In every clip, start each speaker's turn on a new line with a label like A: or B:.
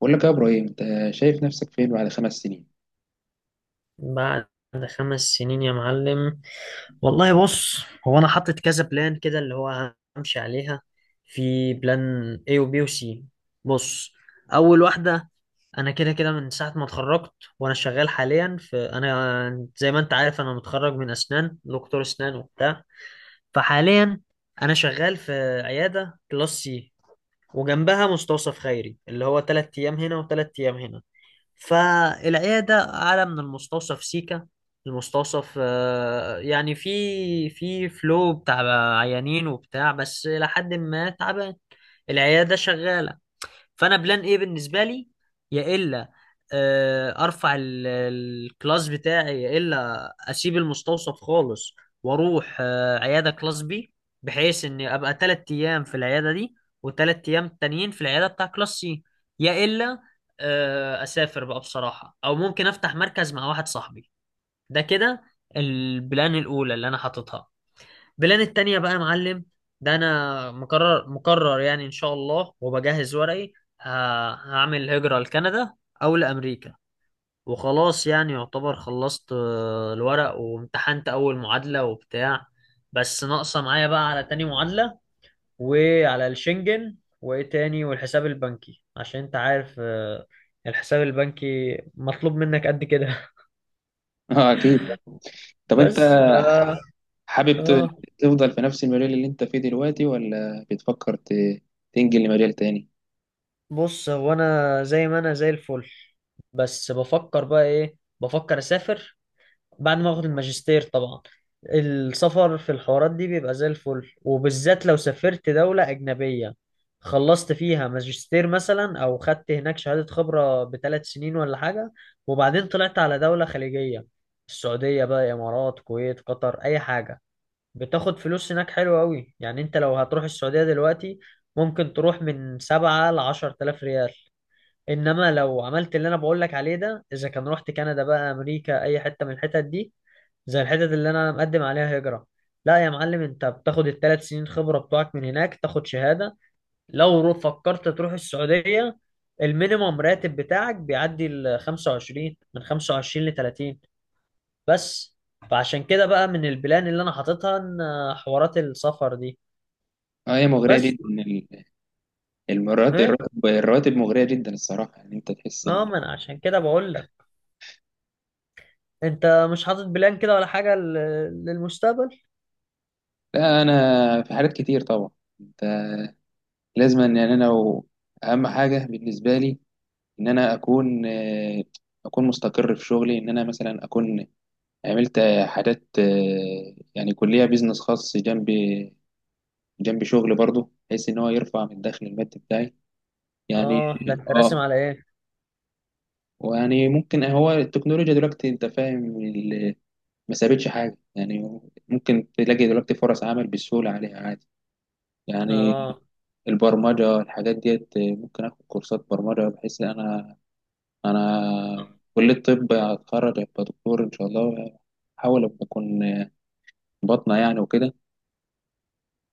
A: بقول لك يا ابراهيم، انت شايف نفسك فين بعد 5 سنين؟
B: بعد خمس سنين يا معلم. والله بص. هو انا حاطط كذا بلان كده اللي هو همشي عليها. في بلان A و B و C. بص. اول واحده، انا كده كده من ساعه ما اتخرجت وانا شغال حاليا في، انا زي ما انت عارف، انا متخرج من اسنان، دكتور اسنان وبتاع. فحاليا انا شغال في عياده كلاس سي وجنبها مستوصف خيري اللي هو تلات ايام هنا وتلات ايام هنا. فالعيادة أعلى من المستوصف سيكا. المستوصف يعني في فلو بتاع عيانين وبتاع بس إلى حد ما تعبان. العيادة شغالة. فانا بلان ايه بالنسبه لي يا الا؟ ارفع الكلاس بتاعي، يا الا اسيب المستوصف خالص واروح عياده كلاس بي، بحيث اني ابقى تلات ايام في العياده دي وتلات ايام تانيين في العياده بتاع كلاس سي. يا الا اسافر بقى بصراحه، او ممكن افتح مركز مع واحد صاحبي. ده كده البلان الاولى اللي انا حاططها. بلان التانية بقى يا معلم، ده انا مقرر يعني ان شاء الله وبجهز ورقي. ه- هعمل هجرة لكندا او لامريكا. وخلاص يعني يعتبر خلصت الورق وامتحنت اول معادلة وبتاع. بس ناقصة معايا بقى على تاني معادلة وعلى الشنجن وايه تاني والحساب البنكي، عشان انت عارف الحساب البنكي مطلوب منك قد كده.
A: اه، اكيد. طب انت
B: بس ف.
A: حابب
B: اه،
A: تفضل في نفس المجال اللي انت فيه دلوقتي ولا بتفكر تنجل لمجال تاني؟
B: بص. هو انا زي ما انا زي الفل. بس بفكر بقى ايه، بفكر اسافر بعد ما اخد الماجستير طبعا. السفر في الحوارات دي بيبقى زي الفل، وبالذات لو سافرت دولة أجنبية خلصت فيها ماجستير مثلا أو خدت هناك شهادة خبرة بثلاث سنين ولا حاجة وبعدين طلعت على دولة خليجية. السعودية بقى، إمارات، كويت، قطر، أي حاجة. بتاخد فلوس هناك حلوة أوي. يعني أنت لو هتروح السعودية دلوقتي، ممكن تروح من سبعة لعشر تلاف ريال. انما لو عملت اللي انا بقول لك عليه ده، اذا كان رحت كندا بقى، امريكا، اي حته من الحتت دي، زي الحتت اللي انا مقدم عليها هجره، لا يا معلم، انت بتاخد الثلاث سنين خبره بتوعك من هناك، تاخد شهاده. لو فكرت تروح السعوديه، المينيموم راتب بتاعك بيعدي ال 25، من 25 ل 30. بس. فعشان كده بقى من البلان اللي انا حاططها ان حوارات السفر دي.
A: اه، هي مغرية
B: بس
A: جدا. المرات
B: ايه.
A: الراتب، الرواتب مغرية جدا الصراحة. يعني انت تحس
B: اه
A: ان
B: ما انا عشان كده بقول لك، انت مش حاطط بلان كده ولا حاجه للمستقبل.
A: لا، انا في حاجات كتير طبعا. انت لازم ان، يعني اهم حاجة بالنسبة لي ان انا اكون، اكون مستقر في شغلي. ان انا مثلا اكون عملت حاجات، يعني كلية بيزنس خاص جنبي، جنب شغل برضه، بحيث ان هو يرفع من الدخل المادي بتاعي يعني.
B: اه، ده انت راسم
A: اه.
B: على ايه؟
A: ويعني ممكن هو التكنولوجيا دلوقتي، انت فاهم، ما سابتش حاجه يعني. ممكن تلاقي دلوقتي فرص عمل بسهوله عليها عادي يعني.
B: اه.
A: البرمجه، الحاجات ديت، ممكن اخد كورسات برمجه، بحيث ان انا كليه الطب هتخرج، ابقى دكتور ان شاء الله. احاول ابقى اكون بطنه يعني وكده.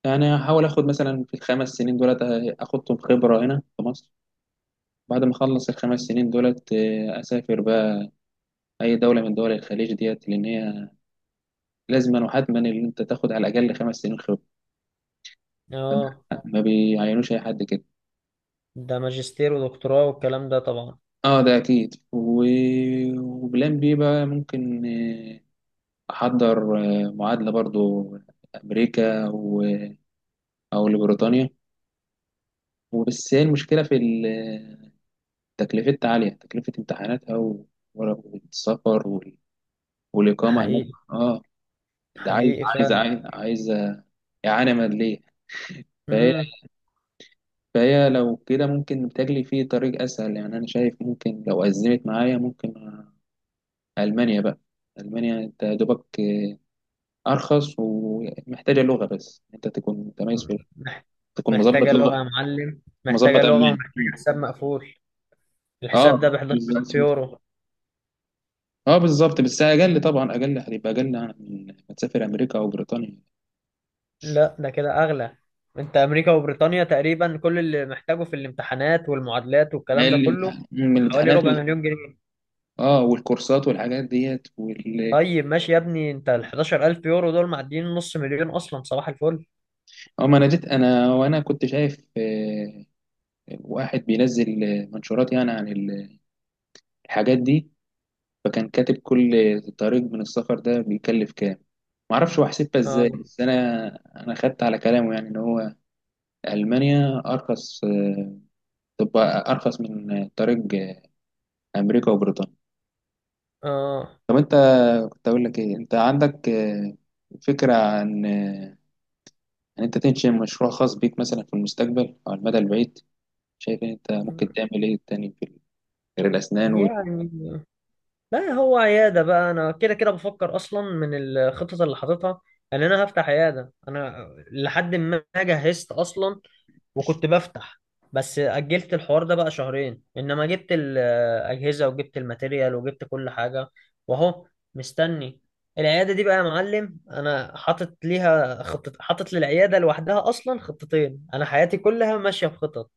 A: يعني هحاول اخد مثلا في ال5 سنين دولت، اخدهم خبره هنا في مصر. بعد ما اخلص ال5 سنين دولت، اسافر بقى اي دوله من دول الخليج ديت، لان هي لازما وحتما ان انت تاخد على الاقل 5 سنين خبره.
B: اه،
A: فلا، ما بيعينوش اي حد كده.
B: ده ماجستير ودكتوراه والكلام ده طبعا.
A: اه، ده اكيد. وبلان بي بقى ممكن، احضر معادله برضو، امريكا و... او لبريطانيا. وبس هي المشكله في تكلفتها عاليه، تكلفه والسفر والاقامه هناك.
B: حقيقي،
A: اه. ده عايز،
B: حقيقي
A: عايز
B: فعلا.
A: عايز عايز إعانة مادية. فهي،
B: مم.
A: فهي لو كده ممكن بتجلي فيه طريق أسهل يعني. أنا شايف ممكن، لو أزمت معايا، ممكن ألمانيا بقى. ألمانيا أنت يا دوبك أرخص، ومحتاجة لغة بس. أنت تكون متميز في،
B: مح-
A: تكون مظبط
B: محتاجة لغة
A: لغة،
B: يا معلم، محتاجة
A: مظبط
B: لغة
A: ألماني.
B: ومحتاجة حساب مقفول.
A: أه،
B: الحساب ده ب 11,000
A: بالظبط.
B: يورو.
A: أه بالظبط، بس أقل طبعا، أقل هتبقى أقل من ما تسافر أمريكا أو بريطانيا.
B: لا ده كده أغلى. أنت أمريكا وبريطانيا تقريبا كل اللي محتاجه في الامتحانات والمعادلات
A: ما
B: والكلام ده
A: ال-
B: كله
A: من
B: حوالي ربع مليون جنيه.
A: اه، والكورسات والحاجات ديت.
B: طيب ماشي يا ابني، أنت ال 11,000 يورو دول معديين نص مليون أصلا. صباح الفل.
A: اه، ما انا جيت انا، وانا كنت شايف واحد بينزل منشورات يعني عن الحاجات دي. فكان كاتب كل طريق من السفر ده بيكلف كام. معرفش هو حسبها ازاي،
B: اه.
A: بس انا خدت على كلامه. يعني ان هو المانيا ارخص، تبقى ارخص من طريق امريكا وبريطانيا.
B: اه.
A: طب انت، كنت اقول لك ايه، انت عندك، فكرة عن، ان انت تنشئ مشروع خاص بيك مثلا في المستقبل او على المدى البعيد؟ شايف ان انت ممكن تعمل ايه تاني في غير الاسنان؟
B: يعني لا، هو عيادة بقى. أنا كده كده بفكر أصلا من الخطط اللي حاططها إن أنا هفتح عيادة. أنا لحد ما جهزت أصلا وكنت بفتح، بس أجلت الحوار ده بقى شهرين، إنما جبت الأجهزة وجبت الماتيريال وجبت كل حاجة. وأهو مستني. العيادة دي بقى يا معلم، أنا حاطط ليها خطة، حاطط للعيادة لوحدها أصلا خطتين، أنا حياتي كلها ماشية بخطط.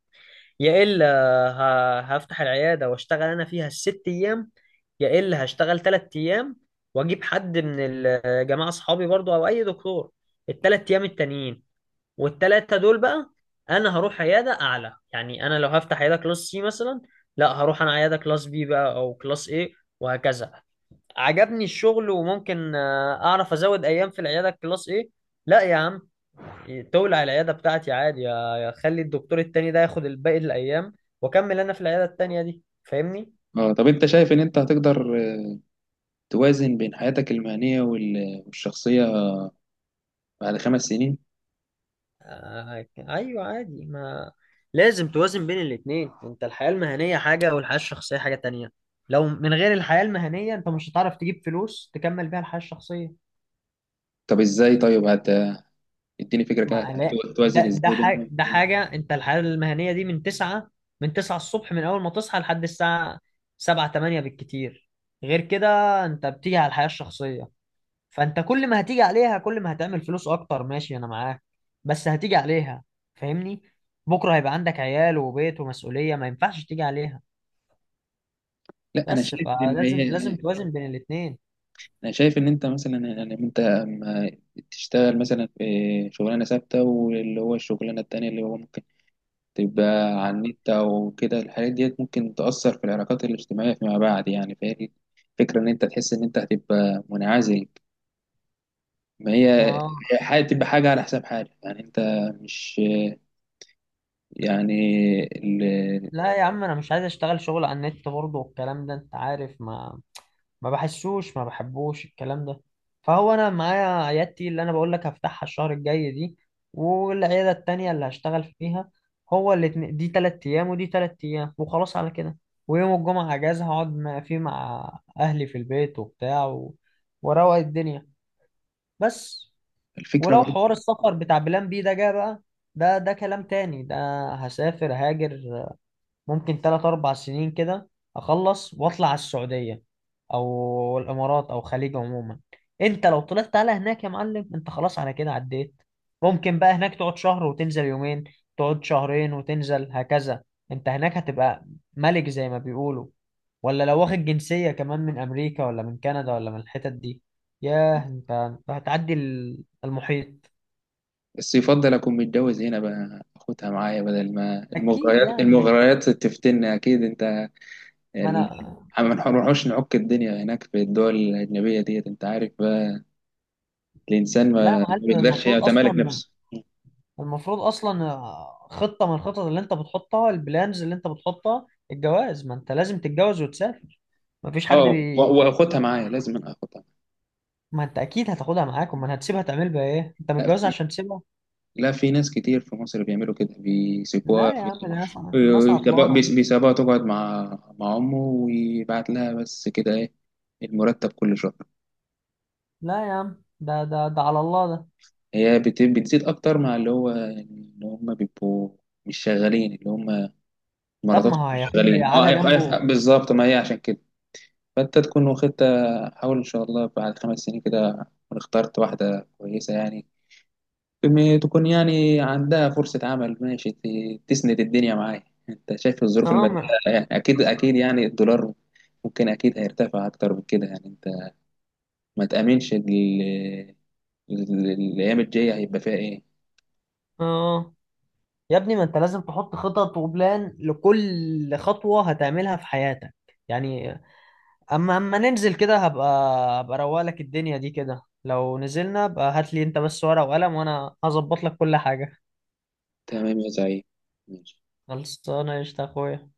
B: يا إلا هفتح العيادة واشتغل أنا فيها الست أيام. يا إلا هشتغل تلات أيام وأجيب حد من الجماعة أصحابي برضو أو أي دكتور التلات أيام التانيين. والتلاتة دول بقى، أنا هروح عيادة أعلى. يعني أنا لو هفتح عيادة كلاس سي مثلا، لا، هروح أنا عيادة كلاس بي بقى أو كلاس إيه وهكذا. عجبني الشغل وممكن أعرف أزود أيام في العيادة كلاس إيه. لا يا عم، تولع العيادة بتاعتي عادي، يا خلي الدكتور التاني ده ياخد الباقي الأيام وأكمل أنا في العيادة التانية دي. فاهمني؟
A: اه. طب انت شايف ان انت هتقدر توازن بين حياتك المهنية والشخصية بعد 5 سنين؟
B: آه أيوه عادي. ما لازم توازن بين الاتنين. أنت الحياة المهنية حاجة والحياة الشخصية حاجة تانية. لو من غير الحياة المهنية أنت مش هتعرف تجيب فلوس تكمل بيها الحياة الشخصية.
A: طب ازاي طيب، اديني فكرة كده.
B: ما لا،
A: توازن
B: ده
A: ازاي
B: حاجة،
A: بينهم؟
B: ده حاجة. أنت الحياة المهنية دي من تسعة، من تسعة الصبح، من أول ما تصحى لحد الساعة سبعة تمانية بالكتير. غير كده أنت بتيجي على الحياة الشخصية. فانت كل ما هتيجي عليها كل ما هتعمل فلوس اكتر، ماشي انا معاك. بس هتيجي عليها. فاهمني. بكره هيبقى عندك عيال وبيت ومسؤوليه، ما ينفعش تيجي عليها.
A: لا، انا
B: بس
A: شايف ان
B: فلازم، لازم
A: هي،
B: توازن بين الاتنين.
A: انا شايف ان انت مثلا، ان انت اما تشتغل مثلا في شغلانة ثابتة، واللي هو الشغلانة التانية اللي هو ممكن تبقى على النت او كده، الحاجات ديت ممكن تأثر في العلاقات الاجتماعية فيما بعد يعني. فهي فكرة ان انت تحس ان انت هتبقى منعزل. ما هي
B: اه.
A: هي تبقى حاجة على حساب حاجة يعني. انت مش، يعني، ال-
B: لا يا عم، انا مش عايز اشتغل شغل على النت برضه والكلام ده، انت عارف. ما بحسوش، ما بحبوش الكلام ده. فهو انا معايا عيادتي اللي انا بقول لك هفتحها الشهر الجاي دي، والعياده التانيه اللي هشتغل فيها. هو الاتنين، دي تلات ايام ودي تلات ايام وخلاص على كده. ويوم الجمعه اجازه هقعد فيه مع اهلي في البيت وبتاع واروق الدنيا. بس.
A: الفكرة
B: ولو
A: برضه.
B: حوار السفر بتاع بلان بي ده جه بقى، ده ده كلام تاني ده. هسافر هاجر ممكن تلات أربع سنين كده، أخلص وأطلع على السعودية أو الإمارات أو خليج عموما. أنت لو طلعت على هناك يا معلم، أنت خلاص على كده عديت. ممكن بقى هناك تقعد شهر وتنزل يومين، تقعد شهرين وتنزل هكذا. أنت هناك هتبقى ملك زي ما بيقولوا. ولا لو واخد جنسية كمان من أمريكا ولا من كندا ولا من الحتت دي، ياه، أنت هتعدي المحيط.
A: بس يفضل أكون متجوز هنا بقى، أخدها معايا، بدل ما
B: أكيد
A: المغريات
B: يعني.
A: المغريات تفتنا. أكيد أنت،
B: ما
A: ال-
B: أنا.
A: ما نروحوش نعك الدنيا هناك في الدول الأجنبية ديت. أنت عارف بقى، الإنسان
B: لا يا
A: ما
B: معلم،
A: بيقدرش يعني
B: المفروض
A: يتمالك
B: أصلا،
A: نفسه.
B: المفروض اصلا خطه من الخطط اللي انت بتحطها، البلانز اللي انت بتحطها، الجواز. ما انت لازم تتجوز وتسافر. ما فيش حد
A: اه، وأخدها معايا، لازم أنا أخدها
B: ما انت اكيد هتاخدها معاك، امال هتسيبها تعمل بيها ايه؟ انت
A: معايا. لا،
B: متجوز
A: في،
B: عشان تسيبها؟
A: ناس كتير في مصر بيعملوا كده، بيسيبوها
B: لا
A: في،
B: يا عم، ده ناس، ناس عطلانه.
A: بيسيبوها تقعد مع مع أمه، ويبعت لها بس كده إيه، المرتب كل شهر.
B: لا يا عم، ده على الله ده.
A: هي بتزيد اكتر مع اللي هو، يعني اللي هم بيبقوا مش شغالين، اللي هم
B: طب ما
A: مراتاتهم
B: هو
A: مش
B: هياخدها
A: شغالين. اه،
B: يقعدها
A: أيوة،
B: جنبه.
A: أيوة، بالظبط. ما هي عشان كده. فانت تكون واخدت، حاول ان شاء الله بعد 5 سنين كده تكون اخترت واحده كويسه يعني. تكون يعني عندها فرصه عمل ماشي، تسند الدنيا معايا. انت شايف الظروف
B: اه
A: الماديه
B: ما-
A: يعني. اكيد يعني، الدولار ممكن اكيد هيرتفع اكتر من كده يعني. انت ما تامنش الايام الجايه هيبقى فيها ايه.
B: اه، يا ابني، ما انت لازم تحط خطط وبلان لكل خطوه هتعملها في حياتك، يعني. اما ننزل كده، هبقى، اروق لك الدنيا دي كده. لو نزلنا بقى، هات لي انت بس ورقة وقلم وانا هظبط لك كل حاجة.
A: تمام يا زعيم. ماشي.
B: خلصانه قشطة يا اخويا.